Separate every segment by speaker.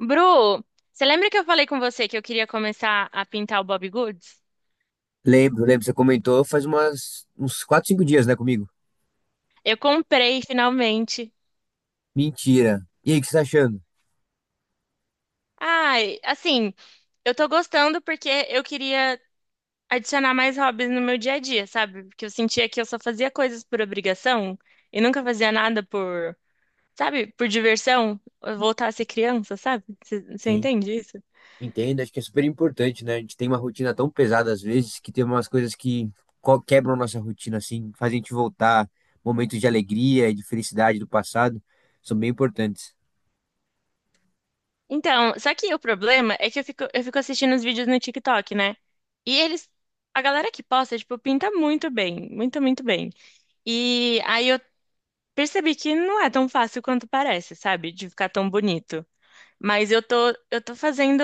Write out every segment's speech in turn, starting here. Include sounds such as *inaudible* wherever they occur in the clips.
Speaker 1: Bru, você lembra que eu falei com você que eu queria começar a pintar o Bobbie Goods?
Speaker 2: Lembro, lembro, você comentou faz umas, uns 4 5 dias, né, comigo?
Speaker 1: Eu comprei finalmente.
Speaker 2: Mentira. E aí, o que você tá achando?
Speaker 1: Ai, assim, eu tô gostando porque eu queria adicionar mais hobbies no meu dia a dia, sabe? Porque eu sentia que eu só fazia coisas por obrigação e nunca fazia nada por, sabe, por diversão, voltar a ser criança, sabe? Você
Speaker 2: Sim,
Speaker 1: entende isso?
Speaker 2: entendo, acho que é super importante, né? A gente tem uma rotina tão pesada às vezes que tem umas coisas que quebram a nossa rotina, assim, fazem a gente voltar. Momentos de alegria e de felicidade do passado são bem importantes.
Speaker 1: Então, só que o problema é que eu fico assistindo os vídeos no TikTok, né? E eles, a galera que posta, tipo, pinta muito bem, muito, muito bem. E aí eu percebi que não é tão fácil quanto parece, sabe? De ficar tão bonito. Mas eu tô fazendo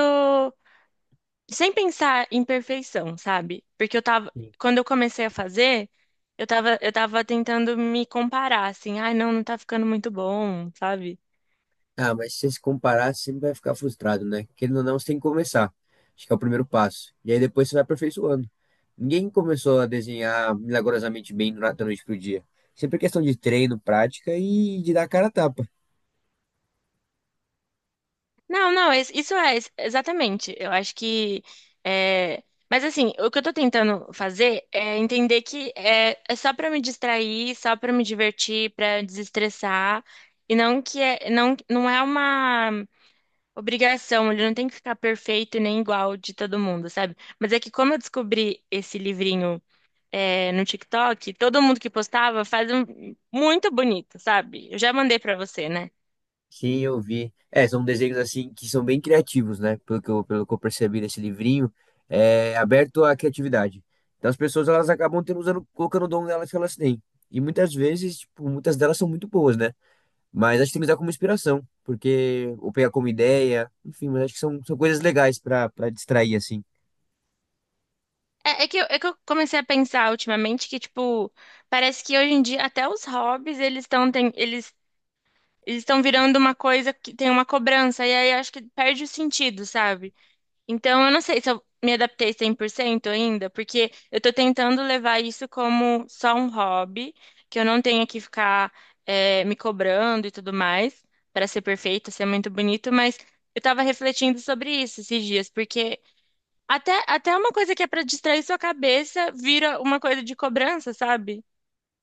Speaker 1: sem pensar em perfeição, sabe? Porque quando eu comecei a fazer, eu tava tentando me comparar, assim, ai, não, não tá ficando muito bom, sabe?
Speaker 2: Ah, mas se você se comparar, você sempre vai ficar frustrado, né? Querendo ou não, você tem que começar. Acho que é o primeiro passo. E aí depois você vai aperfeiçoando. Ninguém começou a desenhar milagrosamente bem da noite pro dia. Sempre é questão de treino, prática e de dar a cara a tapa.
Speaker 1: Não, não, isso é, exatamente. Eu acho que. é, Mas assim, o que eu tô tentando fazer é entender que é só pra me distrair, só pra me divertir, pra desestressar, e não que é, não, não é uma obrigação, ele não tem que ficar perfeito e nem igual de todo mundo, sabe? Mas é que como eu descobri esse livrinho no TikTok, todo mundo que postava faz um muito bonito, sabe? Eu já mandei pra você, né?
Speaker 2: Sim, eu vi. É, são desenhos assim que são bem criativos, né? Pelo que eu percebi nesse livrinho, é aberto à criatividade. Então as pessoas elas acabam tendo usando, colocando o dom delas que elas têm. E muitas vezes, tipo, muitas delas são muito boas, né? Mas acho que tem que usar como inspiração, porque ou pegar como ideia, enfim, mas acho que são, são coisas legais pra para distrair assim.
Speaker 1: É, é que eu comecei a pensar ultimamente que, tipo, parece que hoje em dia até os hobbies, eles estão virando uma coisa que tem uma cobrança, e aí acho que perde o sentido, sabe? Então eu não sei se eu me adaptei 100% ainda, porque eu tô tentando levar isso como só um hobby, que eu não tenha que ficar me cobrando e tudo mais, para ser perfeito, ser muito bonito, mas eu tava refletindo sobre isso esses dias, porque até uma coisa que é pra distrair sua cabeça vira uma coisa de cobrança, sabe?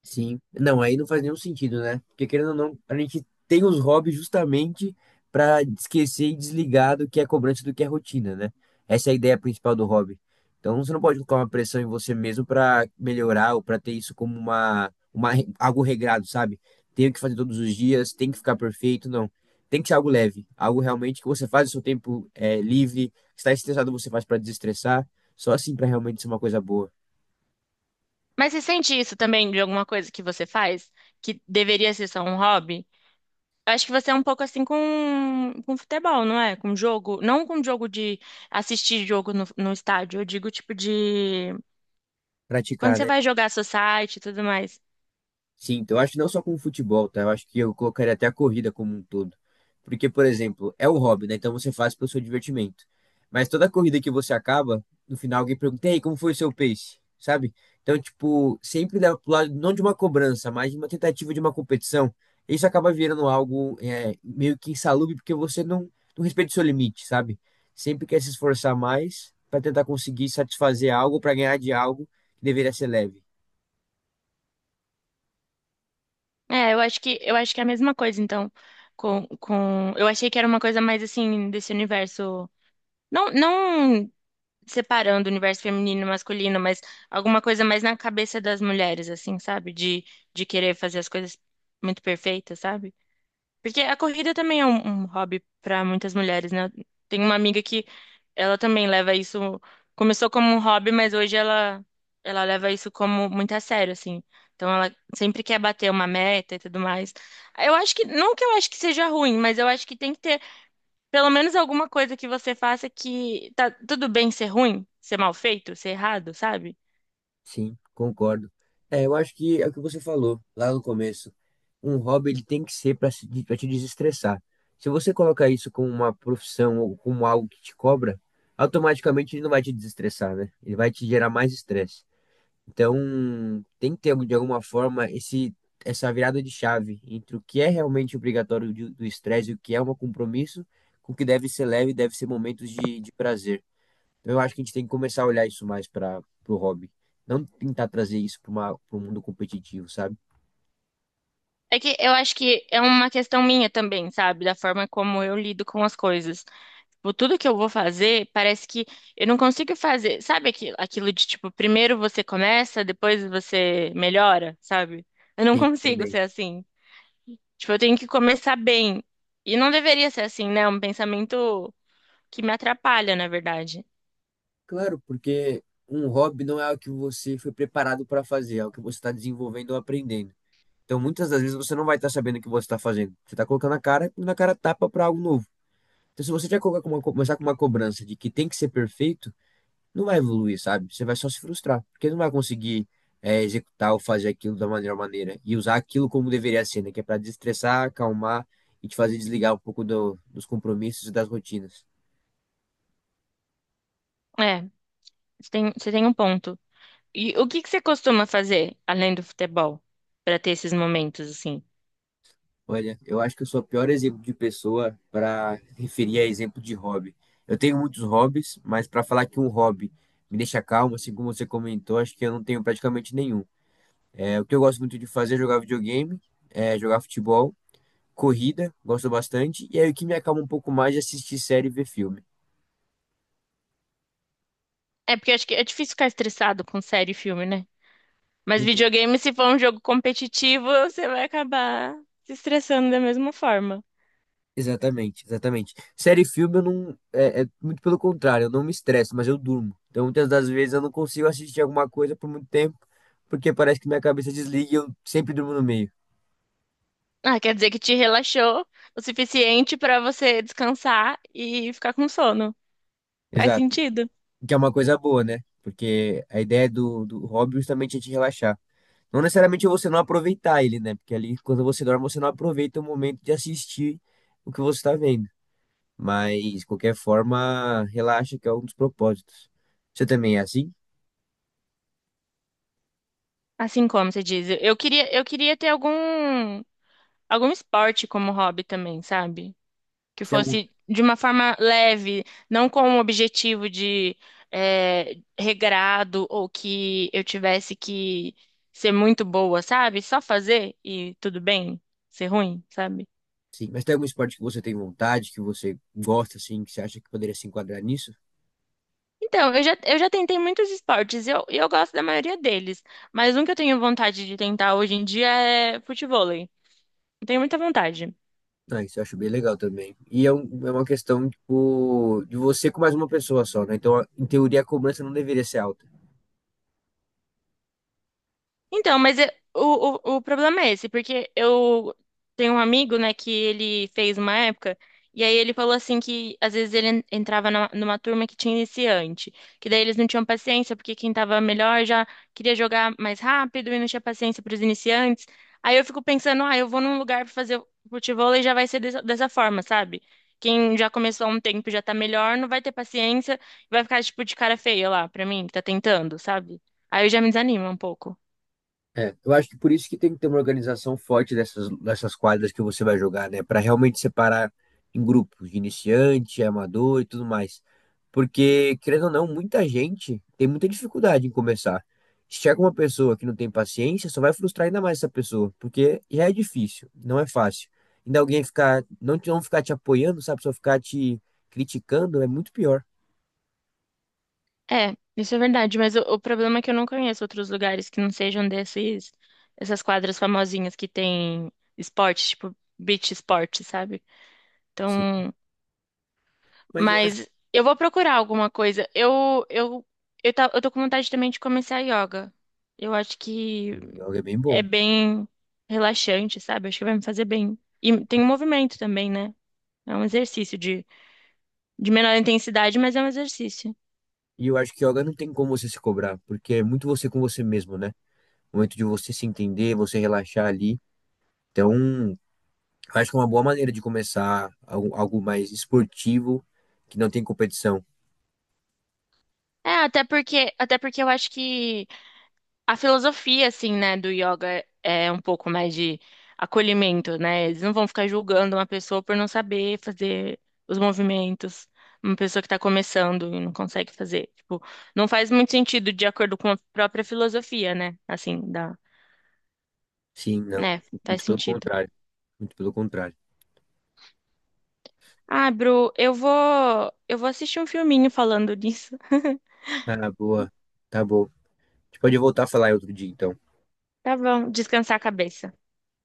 Speaker 2: Sim. Não, aí não faz nenhum sentido, né? Porque querendo ou não, a gente tem os hobbies justamente para esquecer e desligar do que é cobrança e do que é rotina, né? Essa é a ideia principal do hobby. Então você não pode colocar uma pressão em você mesmo para melhorar ou para ter isso como uma, algo regrado, sabe? Tenho que fazer todos os dias, tem que ficar perfeito, não. Tem que ser algo leve, algo realmente que você faz o seu tempo livre, está estressado, você faz para desestressar, só assim para realmente ser uma coisa boa.
Speaker 1: Mas você sente isso também de alguma coisa que você faz, que deveria ser só um hobby? Eu acho que você é um pouco assim com futebol, não é? Com jogo. Não com jogo de assistir jogo no estádio. Eu digo tipo de. Quando
Speaker 2: Praticar,
Speaker 1: você
Speaker 2: né?
Speaker 1: vai jogar society e tudo mais.
Speaker 2: Sim, então, eu acho que não só com o futebol, tá? Eu acho que eu colocaria até a corrida como um todo. Porque, por exemplo, é um hobby, né? Então você faz pelo seu divertimento. Mas toda corrida que você acaba, no final alguém pergunta, e aí, como foi o seu pace? Sabe? Então, tipo, sempre leva pro lado não de uma cobrança, mas de uma tentativa de uma competição. Isso acaba virando algo meio que insalubre, porque você não, não respeita o seu limite, sabe? Sempre quer se esforçar mais para tentar conseguir satisfazer algo, para ganhar de algo que deveria ser leve.
Speaker 1: É, eu acho que é a mesma coisa, então. Com... Eu achei que era uma coisa mais assim, desse universo. Não, não separando o universo feminino e masculino, mas alguma coisa mais na cabeça das mulheres, assim, sabe? De querer fazer as coisas muito perfeitas, sabe? Porque a corrida também é um hobby para muitas mulheres, né? Tem uma amiga que ela também leva isso, começou como um hobby, mas hoje ela leva isso como muito a sério, assim. Então ela sempre quer bater uma meta e tudo mais. Eu acho que, não que eu acho que seja ruim, mas eu acho que tem que ter pelo menos alguma coisa que você faça que tá tudo bem ser ruim, ser mal feito, ser errado, sabe?
Speaker 2: Sim, concordo. É, eu acho que é o que você falou lá no começo. Um hobby ele tem que ser para te desestressar. Se você colocar isso como uma profissão ou como algo que te cobra, automaticamente ele não vai te desestressar, né? Ele vai te gerar mais estresse. Então, tem que ter de alguma forma esse essa virada de chave entre o que é realmente obrigatório do estresse e o que é um compromisso, com o que deve ser leve e deve ser momentos de prazer. Eu acho que a gente tem que começar a olhar isso mais para o hobby. Não tentar trazer isso para o mundo competitivo, sabe?
Speaker 1: É que eu acho que é uma questão minha também, sabe? Da forma como eu lido com as coisas. Tipo, tudo que eu vou fazer, parece que eu não consigo fazer. Sabe aquilo, aquilo de tipo: primeiro você começa, depois você melhora, sabe? Eu não
Speaker 2: Tem
Speaker 1: consigo
Speaker 2: que
Speaker 1: ser assim. Tipo, eu tenho que começar bem. E não deveria ser assim, né? É um pensamento que me atrapalha, na verdade.
Speaker 2: Claro, porque um hobby não é algo que você foi preparado para fazer, é algo que você está desenvolvendo ou aprendendo. Então, muitas das vezes você não vai estar sabendo o que você está fazendo. Você está colocando a cara e na cara tapa para algo novo. Então, se você já colocar com uma, começar com uma cobrança de que tem que ser perfeito, não vai evoluir, sabe? Você vai só se frustrar, porque não vai conseguir executar ou fazer aquilo da melhor maneira e usar aquilo como deveria ser, né? Que é para desestressar, acalmar e te fazer desligar um pouco dos compromissos e das rotinas.
Speaker 1: É, você tem um ponto. E o que que você costuma fazer além do futebol pra ter esses momentos assim?
Speaker 2: Olha, eu acho que eu sou o pior exemplo de pessoa para referir a exemplo de hobby. Eu tenho muitos hobbies, mas para falar que um hobby me deixa calmo, assim como você comentou, acho que eu não tenho praticamente nenhum. É, o que eu gosto muito de fazer é jogar videogame, jogar futebol. Corrida, gosto bastante, e aí o que me acalma um pouco mais é assistir série e ver filme.
Speaker 1: É porque eu acho que é difícil ficar estressado com série e filme, né? Mas
Speaker 2: Não tem-
Speaker 1: videogame, se for um jogo competitivo, você vai acabar se estressando da mesma forma.
Speaker 2: Exatamente, exatamente. Série e filme eu não. É, é muito pelo contrário, eu não me estresso, mas eu durmo. Então muitas das vezes eu não consigo assistir alguma coisa por muito tempo, porque parece que minha cabeça desliga e eu sempre durmo no meio.
Speaker 1: Ah, quer dizer que te relaxou o suficiente pra você descansar e ficar com sono. Faz
Speaker 2: Exato.
Speaker 1: sentido.
Speaker 2: Que é uma coisa boa, né? Porque a ideia do, do hobby justamente é te relaxar. Não necessariamente você não aproveitar ele, né? Porque ali, quando você dorme, você não aproveita o momento de assistir o que você está vendo. Mas, de qualquer forma, relaxa que é um dos propósitos. Você também é assim?
Speaker 1: Assim como você diz, eu queria ter algum esporte como hobby também, sabe? Que
Speaker 2: Você tem algum...
Speaker 1: fosse de uma forma leve, não com o objetivo de regrado ou que eu tivesse que ser muito boa, sabe? Só fazer e tudo bem, ser ruim, sabe?
Speaker 2: Sim, mas tem algum esporte que você tem vontade, que você gosta, assim, que você acha que poderia se enquadrar nisso?
Speaker 1: Então, eu já tentei muitos esportes e eu gosto da maioria deles, mas um que eu tenho vontade de tentar hoje em dia é futevôlei. Eu tenho muita vontade.
Speaker 2: Ah, isso eu acho bem legal também. E é, é uma questão, tipo, de você com mais uma pessoa só, né? Então, em teoria, a cobrança não deveria ser alta.
Speaker 1: Então, mas o problema é esse, porque eu tenho um amigo, né, que ele fez uma época, e aí ele falou assim que às vezes ele entrava numa turma que tinha iniciante, que daí eles não tinham paciência, porque quem tava melhor já queria jogar mais rápido e não tinha paciência para os iniciantes. Aí eu fico pensando, ah, eu vou num lugar para fazer futevôlei e já vai ser dessa forma, sabe? Quem já começou há um tempo e já tá melhor, não vai ter paciência, e vai ficar tipo de cara feia lá pra mim, que tá tentando, sabe? Aí eu já me desanimo um pouco.
Speaker 2: É, eu acho que por isso que tem que ter uma organização forte dessas, dessas quadras que você vai jogar, né? Para realmente separar em grupos de iniciante, amador e tudo mais. Porque, querendo ou não, muita gente tem muita dificuldade em começar. Se chega uma pessoa que não tem paciência, só vai frustrar ainda mais essa pessoa, porque já é difícil, não é fácil. Ainda alguém ficar, não, não ficar te apoiando, sabe? Só ficar te criticando é muito pior.
Speaker 1: É, isso é verdade, mas o problema é que eu não conheço outros lugares que não sejam desses, essas quadras famosinhas que tem esporte, tipo beach esporte, sabe?
Speaker 2: Sim.
Speaker 1: Então,
Speaker 2: Mas eu acho
Speaker 1: mas eu vou procurar alguma coisa. Eu tô com vontade também de começar yoga. Eu acho
Speaker 2: que
Speaker 1: que
Speaker 2: o yoga é bem bom.
Speaker 1: é bem relaxante, sabe? Acho que vai me fazer bem. E tem um movimento também, né? É um exercício de menor intensidade, mas é um exercício.
Speaker 2: E eu acho que yoga não tem como você se cobrar, porque é muito você com você mesmo, né? O momento de você se entender, você relaxar ali. Então, eu acho que é uma boa maneira de começar algo, algo mais esportivo, que não tem competição.
Speaker 1: É, até porque eu acho que a filosofia, assim, né, do yoga é um pouco mais de acolhimento, né? Eles não vão ficar julgando uma pessoa por não saber fazer os movimentos, uma pessoa que está começando e não consegue fazer. Tipo, não faz muito sentido de acordo com a própria filosofia, né? Assim, da,
Speaker 2: Sim, não.
Speaker 1: né? Faz
Speaker 2: Muito pelo
Speaker 1: sentido.
Speaker 2: contrário. Muito pelo contrário.
Speaker 1: Ah, Bru, eu vou assistir um filminho falando disso. *laughs*
Speaker 2: Ah, boa. Tá bom. A gente pode voltar a falar em outro dia, então.
Speaker 1: Tá bom, descansar a cabeça.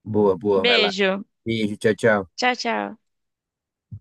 Speaker 2: Boa, boa. Vai lá.
Speaker 1: Beijo.
Speaker 2: Beijo, tchau, tchau.
Speaker 1: Tchau, tchau.